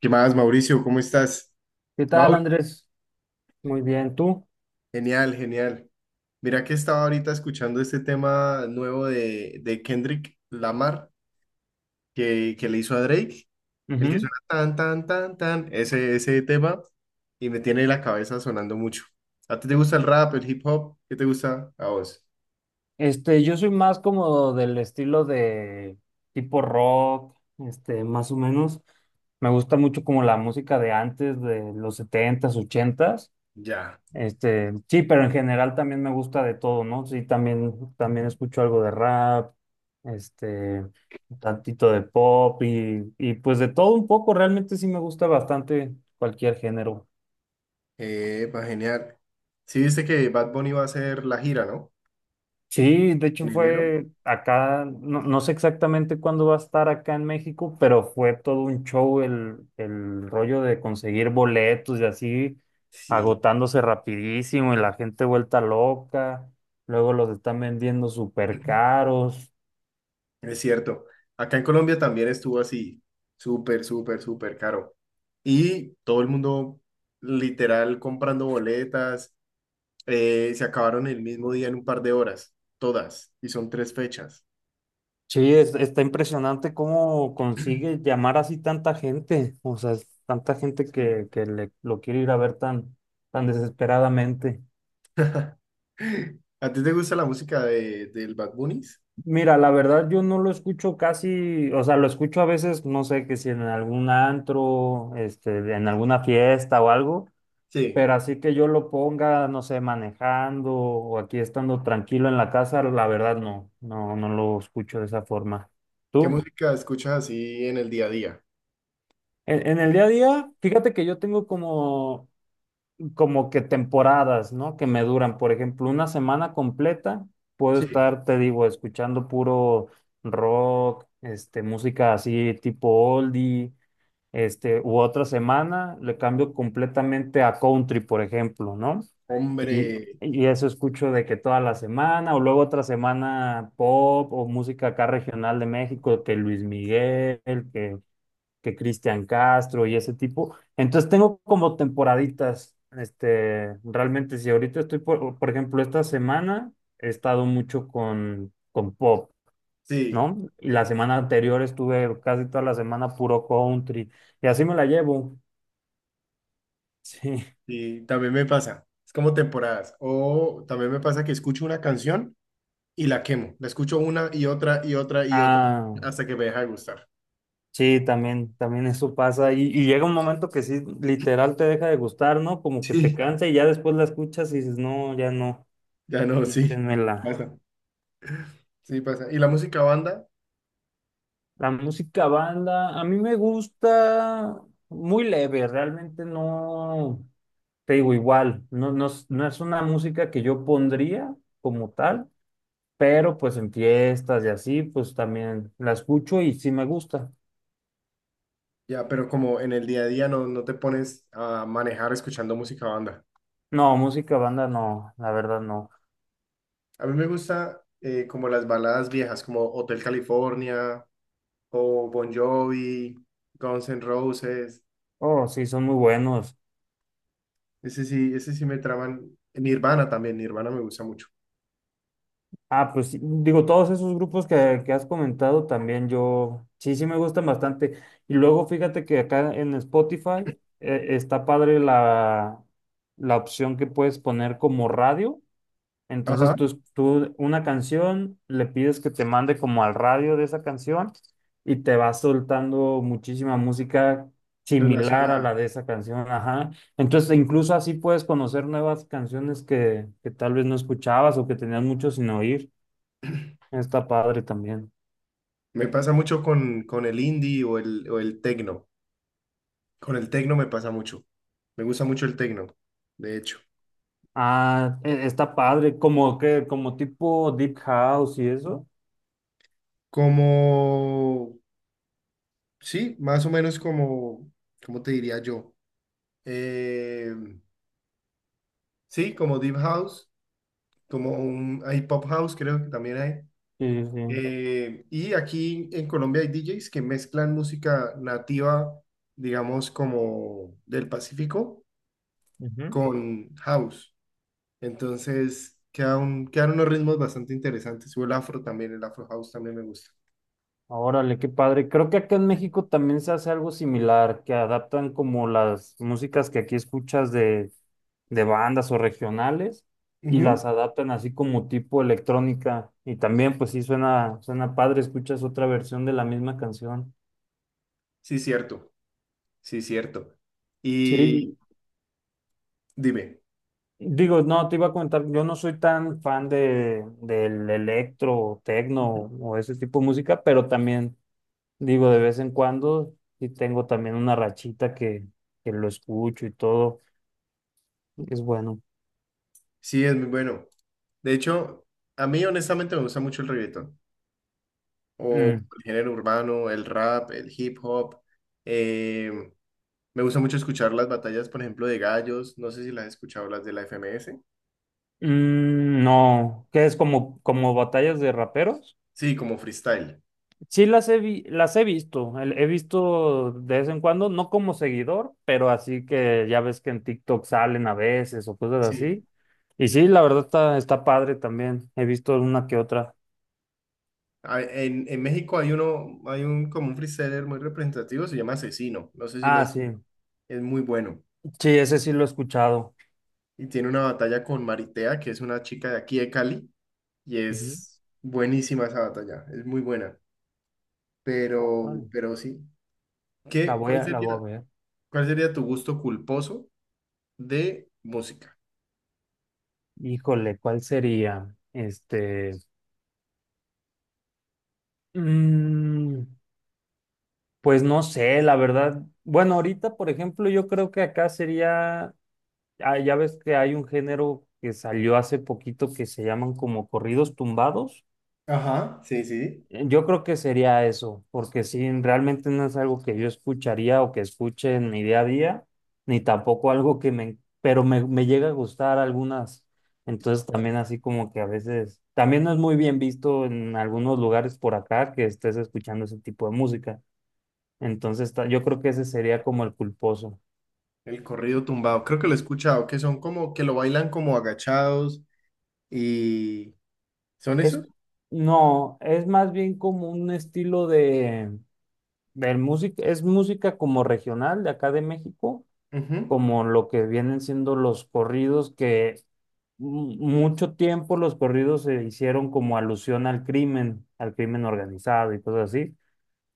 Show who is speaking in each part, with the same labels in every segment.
Speaker 1: ¿Qué más, Mauricio? ¿Cómo estás?
Speaker 2: ¿Qué tal,
Speaker 1: Mauro,
Speaker 2: Andrés? Muy bien, ¿tú?
Speaker 1: genial, genial. Mira que estaba ahorita escuchando este tema nuevo de Kendrick Lamar que le hizo a Drake, el que
Speaker 2: Ujú.
Speaker 1: suena tan, tan, tan, tan, ese tema, y me tiene la cabeza sonando mucho. ¿A ti te gusta el rap, el hip hop? ¿Qué te gusta a vos?
Speaker 2: Yo soy más como del estilo de tipo rock, más o menos. Me gusta mucho como la música de antes, de los setentas, ochentas.
Speaker 1: Ya,
Speaker 2: Este, sí, pero en general también me gusta de todo, ¿no? Sí, también escucho algo de rap, este, un tantito de pop y pues de todo un poco. Realmente sí me gusta bastante cualquier género.
Speaker 1: genial. Sí, viste que Bad Bunny va a hacer la gira, ¿no?
Speaker 2: Sí, de hecho
Speaker 1: En enero.
Speaker 2: fue acá, no, no sé exactamente cuándo va a estar acá en México, pero fue todo un show el rollo de conseguir boletos y así,
Speaker 1: Sí.
Speaker 2: agotándose rapidísimo y la gente vuelta loca, luego los están vendiendo súper caros.
Speaker 1: Es cierto. Acá en Colombia también estuvo así, súper, súper, súper caro. Y todo el mundo literal comprando boletas, se acabaron el mismo día en un par de horas, todas, y son tres fechas.
Speaker 2: Sí, está impresionante cómo consigue llamar así tanta gente, o sea, es tanta gente
Speaker 1: Sí.
Speaker 2: que, lo quiere ir a ver tan desesperadamente.
Speaker 1: ¿A ti te gusta la música del Bad Bunnies?
Speaker 2: Mira, la verdad yo no lo escucho casi, o sea, lo escucho a veces, no sé, que si en algún antro, en alguna fiesta o algo,
Speaker 1: Sí.
Speaker 2: pero así que yo lo ponga, no sé, manejando o aquí estando tranquilo en la casa, la verdad no, no lo escucho de esa forma.
Speaker 1: ¿Qué
Speaker 2: ¿Tú?
Speaker 1: música escuchas así en el día a día?
Speaker 2: En el día a día, fíjate que yo tengo como como que temporadas, ¿no? Que me duran, por ejemplo, una semana completa, puedo
Speaker 1: Sí.
Speaker 2: estar, te digo, escuchando puro rock, música así tipo oldie, u otra semana le cambio completamente a country, por ejemplo, ¿no?
Speaker 1: Hombre,
Speaker 2: Y eso escucho de que toda la semana, o luego otra semana pop o música acá regional de México, que Luis Miguel, que que Cristian Castro y ese tipo. Entonces tengo como temporaditas, realmente si ahorita estoy, por ejemplo, esta semana he estado mucho con pop,
Speaker 1: sí,
Speaker 2: ¿no? Y la semana anterior estuve casi toda la semana puro country y así me la llevo. Sí.
Speaker 1: sí, también me pasa. Es como temporadas. O también me pasa que escucho una canción y la quemo. La escucho una y otra y otra y otra
Speaker 2: Ah,
Speaker 1: hasta que me deja de gustar.
Speaker 2: sí, también eso pasa y llega un momento que sí, literal te deja de gustar, ¿no? Como que te
Speaker 1: Sí.
Speaker 2: cansa y ya después la escuchas y dices, no, ya no,
Speaker 1: Ya no, sí.
Speaker 2: quítenmela.
Speaker 1: Pasa. Sí, pasa. Y la música banda,
Speaker 2: La música banda, a mí me gusta muy leve, realmente no, te digo igual, no, es no es una música que yo pondría como tal, pero pues en fiestas y así, pues también la escucho y sí me gusta.
Speaker 1: ya, pero como en el día a día no, no te pones a manejar escuchando música banda.
Speaker 2: No, música banda no, la verdad no.
Speaker 1: A mí me gusta como las baladas viejas, como Hotel California o Bon Jovi, Guns N' Roses.
Speaker 2: Oh, sí, son muy buenos.
Speaker 1: Ese sí me traman. Nirvana también, Nirvana me gusta mucho.
Speaker 2: Ah, pues sí, digo, todos esos grupos que has comentado también yo, sí, sí me gustan bastante. Y luego fíjate que acá en Spotify está padre la opción que puedes poner como radio. Entonces
Speaker 1: Ajá,
Speaker 2: tú una canción, le pides que te mande como al radio de esa canción y te va soltando muchísima música similar a
Speaker 1: relacionada.
Speaker 2: la de esa canción. Ajá. Entonces, incluso así puedes conocer nuevas canciones que tal vez no escuchabas o que tenías mucho sin oír. Está padre también.
Speaker 1: Me pasa mucho con el indie o el techno. Con el tecno me pasa mucho. Me gusta mucho el tecno, de hecho.
Speaker 2: Ah, está padre, como tipo Deep House y eso.
Speaker 1: Como, sí, más o menos como, ¿cómo te diría yo? Eh, sí, como Deep House, como un, hay Pop House, creo que también hay.
Speaker 2: Sí, sí.
Speaker 1: Y aquí en Colombia hay DJs que mezclan música nativa, digamos, como del Pacífico,
Speaker 2: Ujú.
Speaker 1: con house. Entonces, quedan unos ritmos bastante interesantes. O el afro también, el afro house también me gusta.
Speaker 2: Órale, qué padre. Creo que acá en México también se hace algo similar, que adaptan como las músicas que aquí escuchas de bandas o regionales y
Speaker 1: Ujú.
Speaker 2: las adaptan así como tipo electrónica. Y también, pues sí, suena padre, escuchas otra versión de la misma canción.
Speaker 1: Sí, cierto, sí, cierto. Y
Speaker 2: Sí,
Speaker 1: dime,
Speaker 2: digo, no, te iba a comentar, yo no soy tan fan del electro, tecno o ese tipo de música, pero también, digo, de vez en cuando, y tengo también una rachita que lo escucho y todo, que es bueno.
Speaker 1: sí, es muy bueno. De hecho, a mí honestamente me gusta mucho el reggaetón, o
Speaker 2: Mm,
Speaker 1: el género urbano, el rap, el hip hop. Eh, Me gusta mucho escuchar las batallas, por ejemplo, de gallos, no sé si las has escuchado, las de la FMS.
Speaker 2: mm, no, que es como, como batallas de raperos.
Speaker 1: Sí, como freestyle.
Speaker 2: Sí las he visto, he visto de vez en cuando, no como seguidor, pero así que ya ves que en TikTok salen a veces o cosas
Speaker 1: Sí.
Speaker 2: así. Y sí, la verdad está padre también. He visto una que otra.
Speaker 1: Ah, en México hay uno, hay un como un freestyler muy representativo, se llama Asesino, no sé si lo
Speaker 2: Ah,
Speaker 1: has-
Speaker 2: sí.
Speaker 1: es muy bueno.
Speaker 2: Sí, ese sí lo he escuchado.
Speaker 1: Y tiene una batalla con Maritea, que es una chica de aquí de Cali. Y
Speaker 2: Ujú.
Speaker 1: es buenísima esa batalla, es muy buena. Pero,
Speaker 2: Órale,
Speaker 1: pero sí. ¿Qué, cuál
Speaker 2: La
Speaker 1: sería,
Speaker 2: voy a ver.
Speaker 1: ¿cuál sería tu gusto culposo de música?
Speaker 2: Híjole, ¿cuál sería? Mm, pues no sé, la verdad. Bueno, ahorita, por ejemplo, yo creo que acá sería, ah, ya ves que hay un género que salió hace poquito que se llaman como corridos tumbados.
Speaker 1: Ajá, sí, sí.
Speaker 2: Yo creo que sería eso, porque sí, realmente no es algo que yo escucharía o que escuche en mi día a día, ni tampoco algo que me, me llega a gustar algunas. Entonces también así como que a veces, también no es muy bien visto en algunos lugares por acá que estés escuchando ese tipo de música. Entonces yo creo que ese sería como el culposo.
Speaker 1: El corrido tumbado. Creo que lo he escuchado, que son como que lo bailan como agachados y... ¿Son
Speaker 2: Es,
Speaker 1: esos?
Speaker 2: no, es más bien como un estilo de música, es música como regional de acá de México
Speaker 1: Ujú,
Speaker 2: como lo que vienen siendo los corridos, que mucho tiempo los corridos se hicieron como alusión al crimen organizado y cosas así.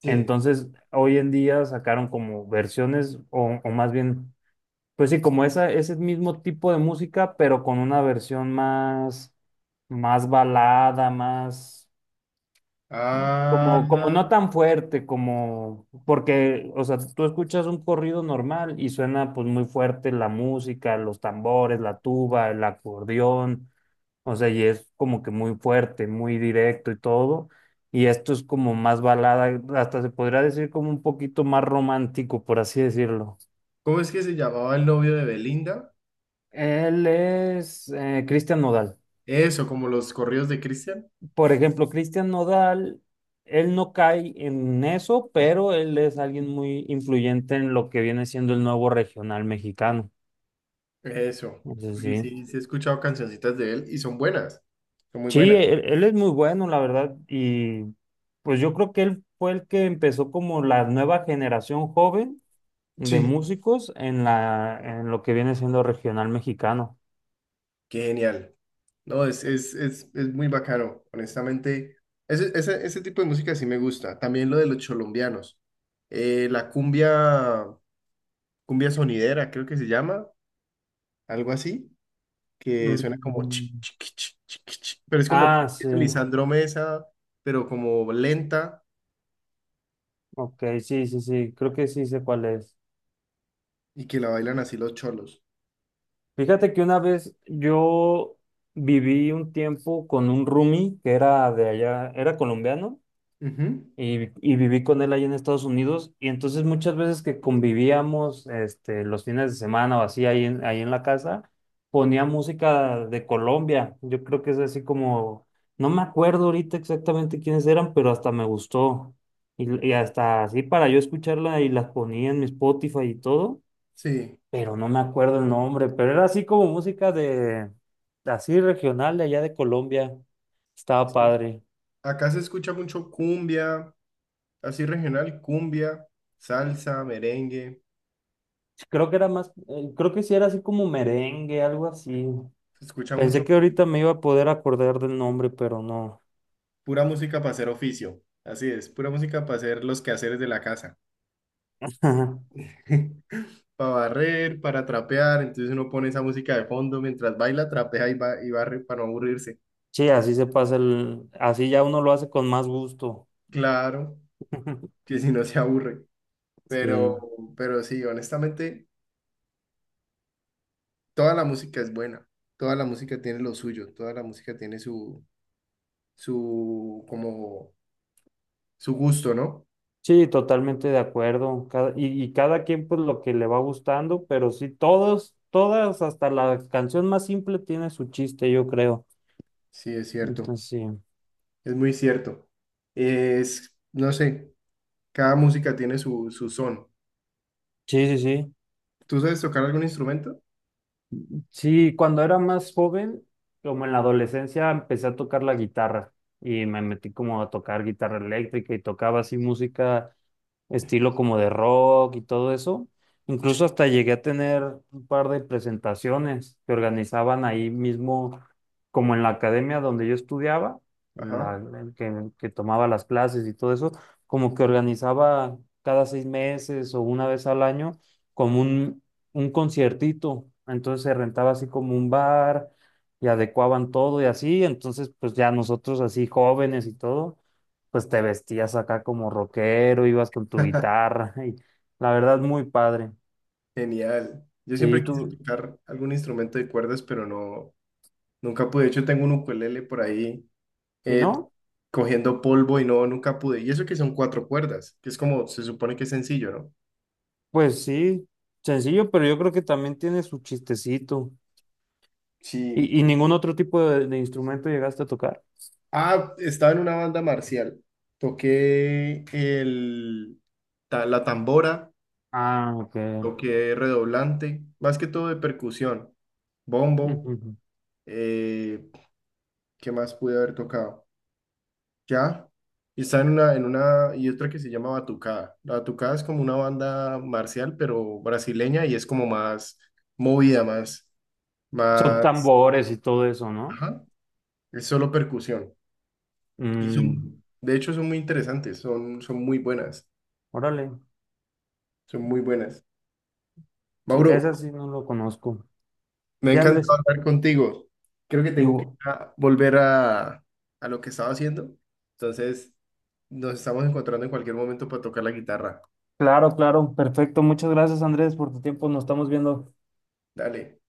Speaker 1: Sí.
Speaker 2: Entonces, hoy en día sacaron como versiones, o más bien, pues sí, como ese mismo tipo de música, pero con una versión más, más balada, más.
Speaker 1: Ah,
Speaker 2: Como no tan fuerte, como, porque, o sea, tú escuchas un corrido normal y suena pues muy fuerte la música, los tambores, la tuba, el acordeón, o sea, y es como que muy fuerte, muy directo y todo. Y esto es como más balada, hasta se podría decir como un poquito más romántico, por así decirlo.
Speaker 1: ¿cómo es que se llamaba el novio de Belinda?
Speaker 2: Él es Cristian Nodal.
Speaker 1: Eso, como los corridos de Cristian.
Speaker 2: Por ejemplo, Cristian Nodal, él no cae en eso, pero él es alguien muy influyente en lo que viene siendo el nuevo regional mexicano.
Speaker 1: Eso.
Speaker 2: Entonces,
Speaker 1: Porque
Speaker 2: sí.
Speaker 1: sí, sí he escuchado cancioncitas de él y son buenas, son muy
Speaker 2: Sí,
Speaker 1: buenas.
Speaker 2: él es muy bueno, la verdad, y pues yo creo que él fue el que empezó como la nueva generación joven de
Speaker 1: Sí.
Speaker 2: músicos en en lo que viene siendo regional mexicano.
Speaker 1: Qué genial. No, es muy bacano, honestamente. Ese tipo de música sí me gusta. También lo de los cholombianos. La cumbia, cumbia sonidera, creo que se llama, algo así, que suena como chi,
Speaker 2: Mm.
Speaker 1: chi, chi, chi, chi, chi, chi, pero es como
Speaker 2: Ah, sí.
Speaker 1: es Lisandro Mesa, pero como lenta
Speaker 2: Ok, sí, sí, sí. Creo que sí sé cuál es.
Speaker 1: y que la bailan así los cholos.
Speaker 2: Fíjate que una vez yo viví un tiempo con un roomie que era de allá, era colombiano
Speaker 1: Ujú,
Speaker 2: y viví con él allá en Estados Unidos y entonces muchas veces que convivíamos los fines de semana o así ahí en la casa, ponía música de Colombia. Yo creo que es así como, no me acuerdo ahorita exactamente quiénes eran, pero hasta me gustó y hasta así para yo escucharla y las ponía en mi Spotify y todo
Speaker 1: Sí,
Speaker 2: pero no me acuerdo el nombre, pero era así como música así regional de allá de Colombia. Estaba
Speaker 1: sí.
Speaker 2: padre.
Speaker 1: Acá se escucha mucho cumbia, así regional, cumbia, salsa, merengue.
Speaker 2: Creo que era más, creo que sí era así como merengue, algo así.
Speaker 1: Se escucha mucho.
Speaker 2: Pensé que ahorita me iba a poder acordar del nombre, pero no.
Speaker 1: Pura música para hacer oficio. Así es, pura música para hacer los quehaceres de la casa. Para barrer, para trapear. Entonces uno pone esa música de fondo mientras baila, trapea y, y barre para no aburrirse.
Speaker 2: Sí, así se pasa así ya uno lo hace con más gusto.
Speaker 1: Claro, que si no se aburre. Pero,
Speaker 2: Sí,
Speaker 1: pero sí, honestamente, toda la música es buena. Toda la música tiene lo suyo. Toda la música tiene su, como, su gusto, ¿no?
Speaker 2: sí, totalmente de acuerdo. Y cada quien pues lo que le va gustando, pero sí, todos, todas, hasta la canción más simple tiene su chiste, yo creo.
Speaker 1: Sí, es cierto.
Speaker 2: Entonces,
Speaker 1: Es muy cierto. Es, no sé, cada música tiene su, su son.
Speaker 2: sí, sí, sí. Sí,
Speaker 1: ¿Tú sabes tocar algún instrumento?
Speaker 2: sí, cuando era más joven, como en la adolescencia, empecé a tocar la guitarra y me metí como a tocar guitarra eléctrica y tocaba así música estilo como de rock y todo eso. Incluso hasta llegué a tener un par de presentaciones que organizaban ahí mismo, como en la academia donde yo estudiaba,
Speaker 1: Ajá.
Speaker 2: la, que tomaba las clases y todo eso, como que organizaba cada 6 meses o una vez al año como un conciertito, entonces se rentaba así como un bar y adecuaban todo y así, entonces pues ya nosotros así jóvenes y todo, pues te vestías acá como rockero, ibas con tu guitarra y la verdad muy padre.
Speaker 1: Genial. Yo
Speaker 2: Sí,
Speaker 1: siempre quise
Speaker 2: tú,
Speaker 1: tocar algún instrumento de cuerdas, pero no, nunca pude. De hecho, tengo un ukulele por ahí
Speaker 2: y
Speaker 1: eh,
Speaker 2: No,
Speaker 1: cogiendo polvo y no, nunca pude. Y eso que son cuatro cuerdas, que es como, se supone que es sencillo, ¿no?
Speaker 2: pues sí, sencillo, pero yo creo que también tiene su chistecito.
Speaker 1: Sí.
Speaker 2: ¿Y ningún otro tipo de instrumento llegaste a tocar?
Speaker 1: Ah, estaba en una banda marcial. Toqué el, la tambora,
Speaker 2: Ah, ok.
Speaker 1: toqué redoblante, más que todo de percusión, bombo.
Speaker 2: Ujú.
Speaker 1: eh, ¿Qué más pude haber tocado? Ya. Y está en una y otra que se llama Batucada. La Batucada es como una banda marcial, pero brasileña, y es como más movida,
Speaker 2: Son
Speaker 1: más,
Speaker 2: tambores y todo eso, ¿no?
Speaker 1: ajá, es solo percusión. Y
Speaker 2: Mm,
Speaker 1: son, de hecho, son muy interesantes, son, son muy buenas,
Speaker 2: órale.
Speaker 1: son muy buenas.
Speaker 2: Sí,
Speaker 1: Mauro,
Speaker 2: esa sí no lo conozco.
Speaker 1: me ha
Speaker 2: Sí, Andrés,
Speaker 1: encantado hablar contigo. Creo que
Speaker 2: y,
Speaker 1: tengo que volver a lo que estaba haciendo. Entonces, nos estamos encontrando en cualquier momento para tocar la guitarra.
Speaker 2: claro, claro, perfecto. Muchas gracias, Andrés, por tu tiempo. Nos estamos viendo.
Speaker 1: Dale.